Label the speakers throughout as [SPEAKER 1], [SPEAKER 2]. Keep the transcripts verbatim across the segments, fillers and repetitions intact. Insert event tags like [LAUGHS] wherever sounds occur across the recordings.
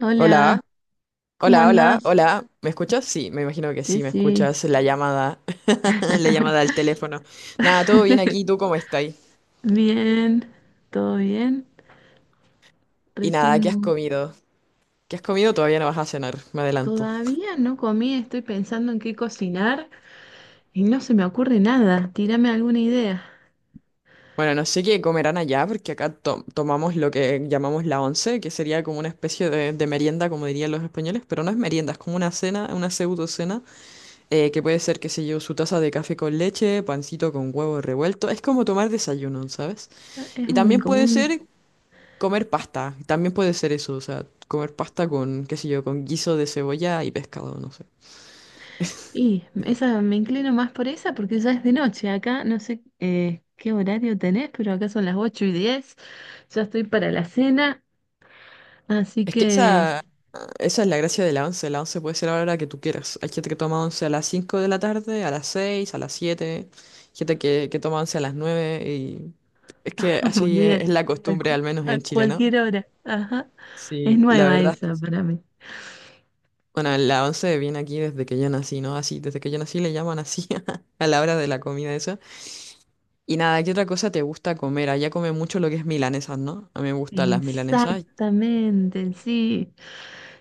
[SPEAKER 1] Hola,
[SPEAKER 2] Hola,
[SPEAKER 1] ¿cómo
[SPEAKER 2] hola, hola,
[SPEAKER 1] andas?
[SPEAKER 2] hola. ¿Me escuchas? Sí, me imagino que
[SPEAKER 1] Sí,
[SPEAKER 2] sí, me
[SPEAKER 1] sí,
[SPEAKER 2] escuchas la llamada, [LAUGHS] la llamada al teléfono. Nada, todo bien aquí,
[SPEAKER 1] [LAUGHS]
[SPEAKER 2] ¿tú cómo estás?
[SPEAKER 1] bien, todo bien.
[SPEAKER 2] Y nada,
[SPEAKER 1] Recién
[SPEAKER 2] ¿qué has comido? ¿Qué has comido? Todavía no vas a cenar, me adelanto.
[SPEAKER 1] todavía no comí, estoy pensando en qué cocinar y no se me ocurre nada. Tírame alguna idea.
[SPEAKER 2] Bueno, no sé qué comerán allá, porque acá to- tomamos lo que llamamos la once, que sería como una especie de, de merienda, como dirían los españoles, pero no es merienda, es como una cena, una pseudo cena, eh, que puede ser, qué sé yo, su taza de café con leche, pancito con huevo revuelto. Es como tomar desayuno, ¿sabes?
[SPEAKER 1] Ah, Es
[SPEAKER 2] Y
[SPEAKER 1] un
[SPEAKER 2] también
[SPEAKER 1] como
[SPEAKER 2] puede ser
[SPEAKER 1] un
[SPEAKER 2] comer pasta, también puede ser eso, o sea, comer pasta con, qué sé yo, con guiso de cebolla y pescado, no sé.
[SPEAKER 1] y esa me inclino más por esa porque ya es de noche. Acá no sé eh, qué horario tenés, pero acá son las ocho y diez. Ya estoy para la cena, así
[SPEAKER 2] Es que
[SPEAKER 1] que
[SPEAKER 2] esa, esa es la gracia de la once, la once puede ser a la hora que tú quieras. Hay gente que toma once a las cinco de la tarde, a las seis a las siete, gente que, que toma once a las nueve y es que
[SPEAKER 1] [LAUGHS] muy
[SPEAKER 2] así es,
[SPEAKER 1] bien.
[SPEAKER 2] es la
[SPEAKER 1] A,
[SPEAKER 2] costumbre,
[SPEAKER 1] cu-
[SPEAKER 2] al menos
[SPEAKER 1] a
[SPEAKER 2] en Chile, ¿no?
[SPEAKER 1] cualquier hora. Ajá. Es
[SPEAKER 2] Sí, la
[SPEAKER 1] nueva
[SPEAKER 2] verdad es que
[SPEAKER 1] esa
[SPEAKER 2] sí.
[SPEAKER 1] para mí.
[SPEAKER 2] Bueno, la once viene aquí desde que yo nací, ¿no? Así, desde que yo nací le llaman así [LAUGHS] a la hora de la comida esa. Y nada, ¿qué otra cosa te gusta comer? Allá come mucho lo que es milanesas, ¿no? A mí me gustan las milanesas,
[SPEAKER 1] Exactamente, sí.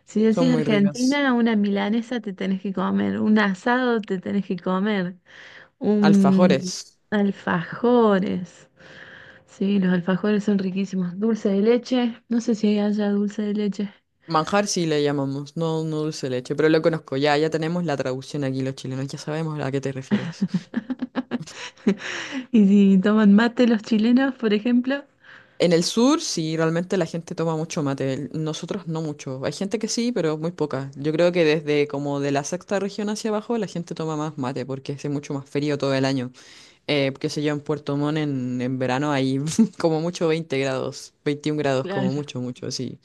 [SPEAKER 1] Si
[SPEAKER 2] son
[SPEAKER 1] decís
[SPEAKER 2] muy ricas.
[SPEAKER 1] Argentina, una milanesa te tenés que comer, un asado te tenés que comer, un
[SPEAKER 2] Alfajores.
[SPEAKER 1] alfajores. Sí, los alfajores son riquísimos. Dulce de leche, no sé si hay allá dulce de leche.
[SPEAKER 2] Manjar sí le llamamos, no, no dulce de leche, pero lo conozco ya, ya tenemos la traducción aquí los chilenos, ya sabemos a qué te refieres.
[SPEAKER 1] [LAUGHS] Y si toman mate los chilenos, por ejemplo.
[SPEAKER 2] En el sur sí, realmente la gente toma mucho mate, el- nosotros no mucho. Hay gente que sí, pero muy poca. Yo creo que desde como de la sexta región hacia abajo la gente toma más mate porque hace mucho más frío todo el año. Eh, qué sé yo, en Puerto Montt en, en verano hay [LAUGHS] como mucho veinte grados, veintiún grados como
[SPEAKER 1] Claro.
[SPEAKER 2] mucho, mucho, sí,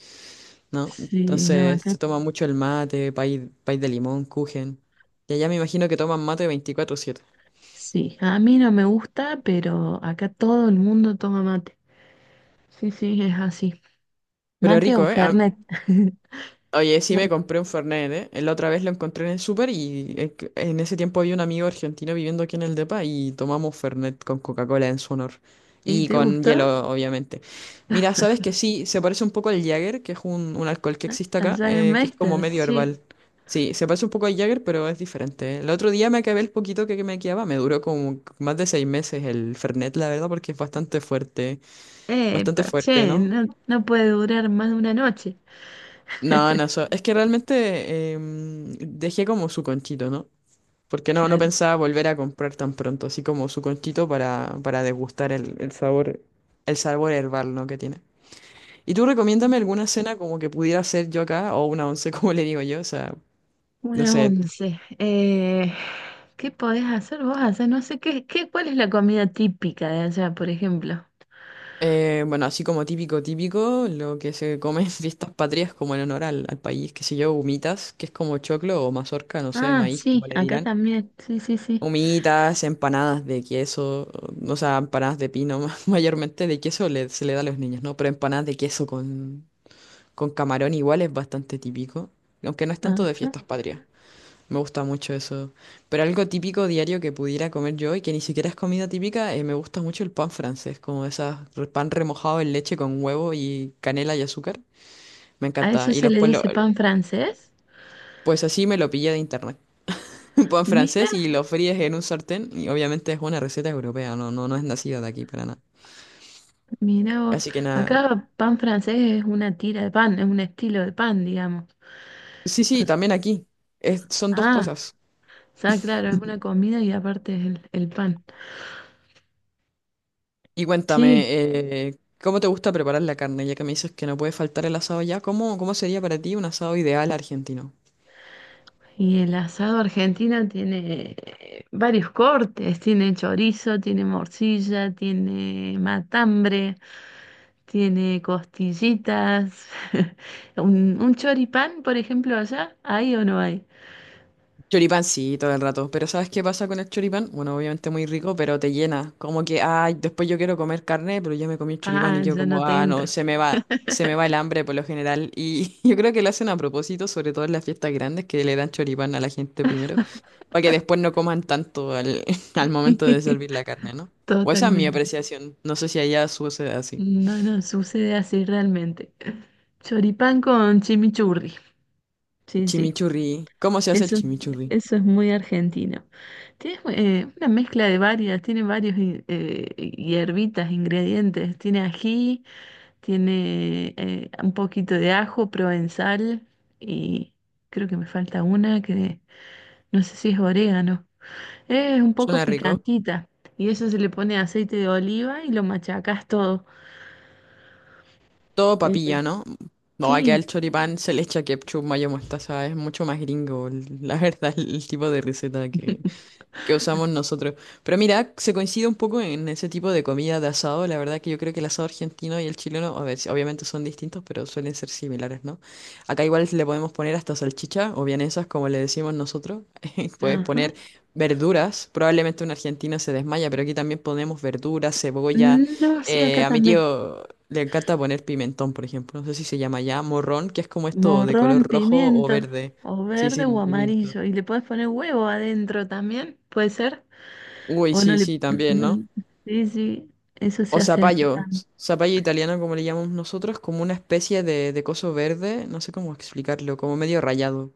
[SPEAKER 2] ¿no?
[SPEAKER 1] Sí, no,
[SPEAKER 2] Entonces
[SPEAKER 1] acá
[SPEAKER 2] se toma mucho el mate, país, de limón, kuchen. Y allá me imagino que toman mate veinticuatro siete.
[SPEAKER 1] sí. A mí no me gusta, pero acá todo el mundo toma mate. Sí, sí, es así.
[SPEAKER 2] Pero
[SPEAKER 1] Mate o
[SPEAKER 2] rico, ¿eh? A-
[SPEAKER 1] Fernet. [LAUGHS]
[SPEAKER 2] Oye, sí me compré un Fernet, ¿eh? Eh, La otra vez lo encontré en el súper y eh, que- en ese tiempo había un amigo argentino viviendo aquí en el depa y tomamos Fernet con Coca-Cola en su honor.
[SPEAKER 1] ¿Y
[SPEAKER 2] Y
[SPEAKER 1] te
[SPEAKER 2] con
[SPEAKER 1] gustó?
[SPEAKER 2] hielo, obviamente. Mira, sabes que sí, se parece un poco al Jäger, que es un, un alcohol que existe
[SPEAKER 1] Al
[SPEAKER 2] acá, eh, que es como
[SPEAKER 1] Jägermeister,
[SPEAKER 2] medio
[SPEAKER 1] sí.
[SPEAKER 2] herbal. Sí, se parece un poco al Jäger, pero es diferente, ¿eh? El otro día me acabé el poquito que que me quedaba, me duró como más de seis meses el Fernet, la verdad, porque es bastante fuerte,
[SPEAKER 1] Epa,
[SPEAKER 2] bastante fuerte,
[SPEAKER 1] che,
[SPEAKER 2] ¿no?
[SPEAKER 1] no, no puede durar más de una noche.
[SPEAKER 2] No,
[SPEAKER 1] [LAUGHS]
[SPEAKER 2] no, so- es que realmente em, dejé como su conchito, ¿no? Porque no, no
[SPEAKER 1] Claro.
[SPEAKER 2] pensaba volver a comprar tan pronto, así como su conchito para, para degustar el, el sabor, el sabor herbal, ¿no? que tiene. ¿Y tú recomiéndame alguna cena como que pudiera hacer yo acá, o una once, [LAUGHS] como le digo yo? O sea, no
[SPEAKER 1] Una
[SPEAKER 2] sé,
[SPEAKER 1] once. Eh, ¿qué podés hacer vos? Hacer no sé qué, qué, ¿cuál es la comida típica de allá, por ejemplo?
[SPEAKER 2] eh, bueno, así como típico, típico, lo que se come en fiestas patrias como en honor al, al país, qué sé yo, humitas, que es como choclo o mazorca, no sé,
[SPEAKER 1] Ah,
[SPEAKER 2] maíz,
[SPEAKER 1] sí,
[SPEAKER 2] como le
[SPEAKER 1] acá
[SPEAKER 2] dirán.
[SPEAKER 1] también. Sí, sí, sí.
[SPEAKER 2] Humitas, empanadas de queso, o o sea, empanadas de pino, [LAUGHS] mayormente de queso le- se le da a los niños, ¿no? Pero empanadas de queso con, con camarón igual es bastante típico, aunque no es tanto de
[SPEAKER 1] Ajá.
[SPEAKER 2] fiestas patrias. Me gusta mucho eso. Pero algo típico diario que pudiera comer yo y que ni siquiera es comida típica, eh, me gusta mucho el pan francés, como esas re- pan remojado en leche con huevo y canela y azúcar. Me
[SPEAKER 1] ¿A eso
[SPEAKER 2] encanta. Y
[SPEAKER 1] se
[SPEAKER 2] los
[SPEAKER 1] le
[SPEAKER 2] pueblos,
[SPEAKER 1] dice pan francés?
[SPEAKER 2] pues así me lo pillé de internet. [LAUGHS] Un pan
[SPEAKER 1] Mira,
[SPEAKER 2] francés y lo fríes en un sartén. Y obviamente es una receta europea, no, no, no es nacida de aquí para nada.
[SPEAKER 1] mira vos.
[SPEAKER 2] Así que nada.
[SPEAKER 1] Acá pan francés es una tira de pan, es un estilo de pan, digamos.
[SPEAKER 2] Sí,
[SPEAKER 1] O
[SPEAKER 2] sí,
[SPEAKER 1] sea,
[SPEAKER 2] también aquí. Es- son dos
[SPEAKER 1] ah,
[SPEAKER 2] cosas.
[SPEAKER 1] O sea, claro, es una comida y aparte es el, el pan.
[SPEAKER 2] Y cuéntame,
[SPEAKER 1] Sí,
[SPEAKER 2] eh, ¿cómo te gusta preparar la carne? Ya que me dices que no puede faltar el asado ya, ¿cómo, cómo sería para ti un asado ideal argentino?
[SPEAKER 1] y el asado argentino tiene eh, varios cortes, tiene chorizo, tiene morcilla, tiene matambre, tiene costillitas. [LAUGHS] ¿Un, un choripán, por ejemplo, allá? ¿Hay o no hay?
[SPEAKER 2] Choripán sí, todo el rato, pero ¿sabes qué pasa con el choripán? Bueno, obviamente muy rico, pero te llena, como que, ay, después yo quiero comer carne, pero ya me comí el choripán y
[SPEAKER 1] Ah,
[SPEAKER 2] yo
[SPEAKER 1] ya
[SPEAKER 2] como,
[SPEAKER 1] no te
[SPEAKER 2] ah, no,
[SPEAKER 1] entra.
[SPEAKER 2] se me va, se me va el hambre por lo general, y [LAUGHS] yo creo que lo hacen a propósito, sobre todo en las fiestas grandes, que le dan choripán a la gente primero, para que después no coman tanto al, [LAUGHS] al momento de
[SPEAKER 1] [LAUGHS]
[SPEAKER 2] servir la carne, ¿no? O esa es mi
[SPEAKER 1] Totalmente.
[SPEAKER 2] apreciación, no sé si allá sucede así.
[SPEAKER 1] No, no, sucede así realmente. Choripán con chimichurri. Sí, sí.
[SPEAKER 2] Chimichurri, ¿cómo se hace el
[SPEAKER 1] Eso,
[SPEAKER 2] chimichurri?
[SPEAKER 1] eso es muy argentino. Tiene eh, una mezcla de varias, tiene varios in- eh, hierbitas, ingredientes. Tiene ají, tiene eh, un poquito de ajo, provenzal y creo que me falta una que no sé si es orégano. Es un poco
[SPEAKER 2] Suena rico.
[SPEAKER 1] picantita y eso se le pone aceite de oliva y lo machacas todo.
[SPEAKER 2] Todo
[SPEAKER 1] Eh,
[SPEAKER 2] papilla, ¿no? No, acá
[SPEAKER 1] sí,
[SPEAKER 2] el choripán se le echa ketchup, mayo, mostaza. Es mucho más gringo, la verdad, el tipo de receta que, que usamos
[SPEAKER 1] [LAUGHS]
[SPEAKER 2] nosotros. Pero mira, se coincide un poco en ese tipo de comida de asado. La verdad que yo creo que el asado argentino y el chileno, a ver, sí, obviamente son distintos, pero suelen ser similares, ¿no? Acá igual le podemos poner hasta salchicha o vienesas, como le decimos nosotros. [LAUGHS] Puedes
[SPEAKER 1] ajá.
[SPEAKER 2] poner verduras. Probablemente un argentino se desmaya, pero aquí también ponemos verduras, cebolla.
[SPEAKER 1] No, sí, acá
[SPEAKER 2] Eh, a mi
[SPEAKER 1] también.
[SPEAKER 2] tío le encanta poner pimentón, por ejemplo. No sé si se llama ya morrón, que es como esto de color
[SPEAKER 1] Morrón,
[SPEAKER 2] rojo o
[SPEAKER 1] pimiento,
[SPEAKER 2] verde.
[SPEAKER 1] o
[SPEAKER 2] Sí,
[SPEAKER 1] verde
[SPEAKER 2] sí,
[SPEAKER 1] o
[SPEAKER 2] pimiento.
[SPEAKER 1] amarillo. Y le puedes poner huevo adentro también, ¿puede ser?
[SPEAKER 2] Uy,
[SPEAKER 1] O no
[SPEAKER 2] sí,
[SPEAKER 1] le...
[SPEAKER 2] sí, también,
[SPEAKER 1] no
[SPEAKER 2] ¿no?
[SPEAKER 1] le- Sí, sí, eso
[SPEAKER 2] O
[SPEAKER 1] se hace acá
[SPEAKER 2] zapallo,
[SPEAKER 1] también.
[SPEAKER 2] s- zapallo italiano como le llamamos nosotros, como una especie de, de coso verde, no sé cómo explicarlo, como medio rayado,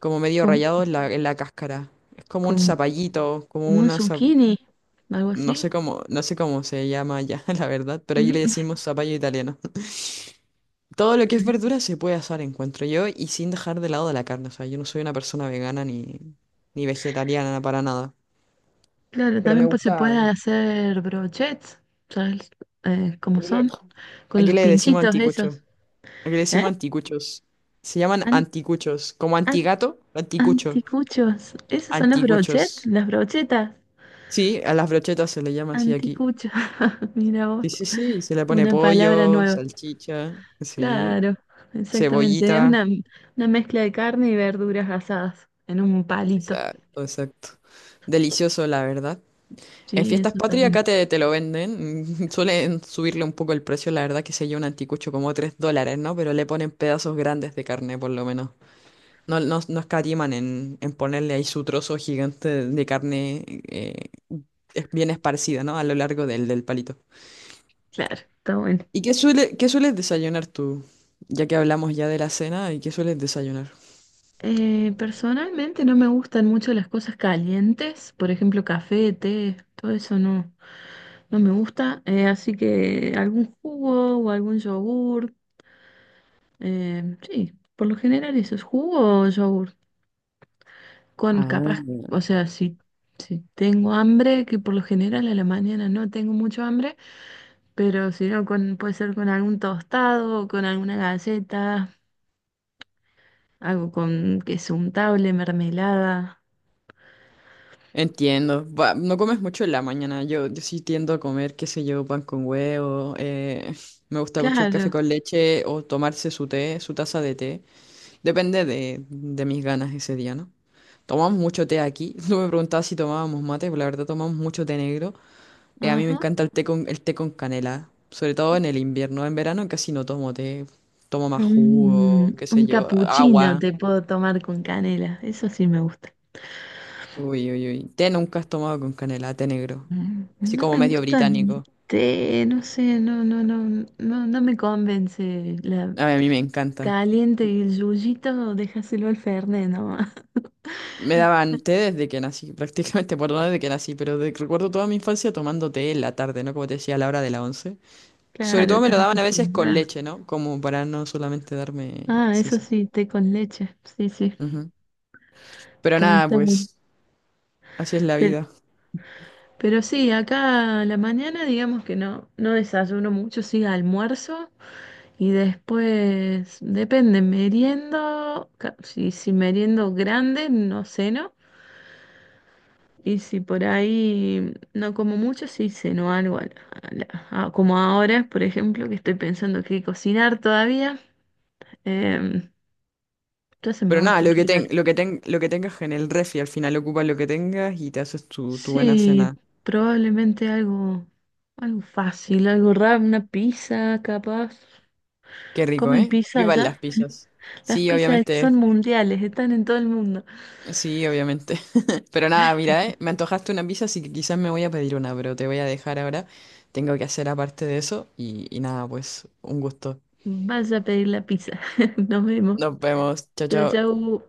[SPEAKER 2] como medio
[SPEAKER 1] Con,
[SPEAKER 2] rayado en la, en la cáscara. Es como un
[SPEAKER 1] con-
[SPEAKER 2] zapallito, como
[SPEAKER 1] Como un
[SPEAKER 2] una, za-
[SPEAKER 1] zucchini, algo
[SPEAKER 2] no sé
[SPEAKER 1] así.
[SPEAKER 2] cómo, no sé cómo se llama ya, [LAUGHS] la verdad, pero allí
[SPEAKER 1] Mm,
[SPEAKER 2] le
[SPEAKER 1] [LAUGHS]
[SPEAKER 2] decimos zapallo italiano. Todo lo que es
[SPEAKER 1] mm.
[SPEAKER 2] verdura se puede asar, encuentro yo, y sin dejar de lado de la carne, o sea, yo no soy una persona vegana ni, ni vegetariana para nada,
[SPEAKER 1] Claro,
[SPEAKER 2] pero me
[SPEAKER 1] también pues, se
[SPEAKER 2] gusta,
[SPEAKER 1] puede hacer brochets, ¿sabes? Eh, ¿cómo
[SPEAKER 2] aquí le,
[SPEAKER 1] son? Con
[SPEAKER 2] aquí
[SPEAKER 1] los
[SPEAKER 2] le decimos
[SPEAKER 1] pinchitos
[SPEAKER 2] anticucho.
[SPEAKER 1] esos.
[SPEAKER 2] Aquí le
[SPEAKER 1] ¿Eh?
[SPEAKER 2] decimos anticuchos. Se llaman
[SPEAKER 1] An-
[SPEAKER 2] anticuchos. Como
[SPEAKER 1] an-
[SPEAKER 2] antigato, anticucho.
[SPEAKER 1] Anticuchos. ¿Esos son los brochets?
[SPEAKER 2] Anticuchos.
[SPEAKER 1] Las brochetas.
[SPEAKER 2] Sí, a las brochetas se le llama así aquí.
[SPEAKER 1] Anticuchos. [LAUGHS] Mira vos,
[SPEAKER 2] Sí, sí, sí. Se le pone
[SPEAKER 1] una palabra
[SPEAKER 2] pollo,
[SPEAKER 1] nueva.
[SPEAKER 2] salchicha, sí.
[SPEAKER 1] Claro, exactamente. Es
[SPEAKER 2] Cebollita.
[SPEAKER 1] una, una mezcla de carne y verduras asadas en un palito.
[SPEAKER 2] Exacto, exacto. Delicioso, la verdad. En
[SPEAKER 1] Sí,
[SPEAKER 2] fiestas
[SPEAKER 1] eso está
[SPEAKER 2] patrias
[SPEAKER 1] bueno.
[SPEAKER 2] acá te, te lo venden. [LAUGHS] Suelen subirle un poco el precio, la verdad, que se lleva un anticucho como tres dólares, ¿no? Pero le ponen pedazos grandes de carne, por lo menos. No, no, no escatiman en, en ponerle ahí su trozo gigante de carne, eh, es- bien esparcida, ¿no? A lo largo del, del palito.
[SPEAKER 1] Claro, está bueno.
[SPEAKER 2] ¿Y qué suele, qué sueles desayunar tú? Ya que hablamos ya de la cena, ¿y qué sueles desayunar?
[SPEAKER 1] Eh, personalmente no me gustan mucho las cosas calientes, por ejemplo, café, té, todo eso no, no me gusta. Eh, así que algún jugo o algún yogur. Eh, sí, por lo general eso es jugo o yogur. Con
[SPEAKER 2] Ah,
[SPEAKER 1] capaz, o sea, si, si tengo hambre, que por lo general a la mañana no tengo mucho hambre. Pero si no, con, puede ser con algún tostado, con alguna galleta, algo con queso untable, mermelada.
[SPEAKER 2] entiendo. Va, no comes mucho en la mañana. Yo, yo sí tiendo a comer, qué sé yo, pan con huevo. Eh, me gusta mucho el café
[SPEAKER 1] Claro,
[SPEAKER 2] con leche o tomarse su té, su taza de té. Depende de, de mis ganas ese día, ¿no? Tomamos mucho té aquí. [LAUGHS] No me preguntabas si tomábamos mate, pero la verdad tomamos mucho té negro. Eh, a mí me
[SPEAKER 1] ajá.
[SPEAKER 2] encanta el té con, el té con canela, sobre todo en el invierno. En verano casi no tomo té, tomo más jugo,
[SPEAKER 1] Un,
[SPEAKER 2] qué sé
[SPEAKER 1] un
[SPEAKER 2] yo,
[SPEAKER 1] capuchino
[SPEAKER 2] agua.
[SPEAKER 1] te puedo tomar con canela, eso sí me gusta.
[SPEAKER 2] Uy, uy, uy. Té nunca has tomado con canela, té negro.
[SPEAKER 1] Mm,
[SPEAKER 2] Así
[SPEAKER 1] No
[SPEAKER 2] como
[SPEAKER 1] me
[SPEAKER 2] medio
[SPEAKER 1] gusta el
[SPEAKER 2] británico.
[SPEAKER 1] té, no sé, no, no, no, no, no me convence. La
[SPEAKER 2] A mí a mí me encanta.
[SPEAKER 1] caliente y el yuyito, déjaselo al Fernet nomás. [LAUGHS]
[SPEAKER 2] Me daban té desde que nací, [LAUGHS] prácticamente, por desde que nací, pero de- recuerdo toda mi infancia tomando té en la tarde, ¿no? Como te decía, a la hora de la once. Sobre
[SPEAKER 1] Claro,
[SPEAKER 2] todo me
[SPEAKER 1] estás
[SPEAKER 2] lo daban a veces con
[SPEAKER 1] acostumbrada.
[SPEAKER 2] leche, ¿no? Como para no solamente darme...
[SPEAKER 1] Ah,
[SPEAKER 2] Sí,
[SPEAKER 1] eso
[SPEAKER 2] sí.
[SPEAKER 1] sí, té con leche, sí, sí,
[SPEAKER 2] Ujú. Pero
[SPEAKER 1] también
[SPEAKER 2] nada,
[SPEAKER 1] está bueno.
[SPEAKER 2] pues así es la
[SPEAKER 1] Pero
[SPEAKER 2] vida.
[SPEAKER 1] Pero sí, acá a la mañana digamos que no, no desayuno mucho, sí almuerzo y después depende, meriendo, ca- si, si meriendo grande no ceno y si por ahí no como mucho sí ceno algo, a la- a la- a- como ahora por ejemplo que estoy pensando qué cocinar todavía, em, ya se me
[SPEAKER 2] Pero
[SPEAKER 1] va a
[SPEAKER 2] nada, lo que
[SPEAKER 1] ocurrir
[SPEAKER 2] ten,
[SPEAKER 1] algo.
[SPEAKER 2] lo que ten, lo que tengas en el refri, al final ocupas lo que tengas y te haces tu, tu buena
[SPEAKER 1] Sí,
[SPEAKER 2] cena.
[SPEAKER 1] probablemente algo, algo fácil, algo raro, una pizza capaz.
[SPEAKER 2] Qué rico,
[SPEAKER 1] ¿Comen
[SPEAKER 2] ¿eh?
[SPEAKER 1] pizza
[SPEAKER 2] Vivan
[SPEAKER 1] allá?
[SPEAKER 2] las pizzas.
[SPEAKER 1] Las
[SPEAKER 2] Sí,
[SPEAKER 1] pizzas
[SPEAKER 2] obviamente.
[SPEAKER 1] son mundiales, están en todo el mundo.
[SPEAKER 2] Sí, obviamente. [LAUGHS] Pero nada, mira, ¿eh? Me antojaste una pizza, así que quizás me voy a pedir una, pero te voy a dejar ahora. Tengo que hacer aparte de eso y, y nada, pues un gusto.
[SPEAKER 1] Vaya a pedir la pizza. [LAUGHS] Nos vemos.
[SPEAKER 2] Nos vemos. Chao,
[SPEAKER 1] Chau,
[SPEAKER 2] chao.
[SPEAKER 1] chau.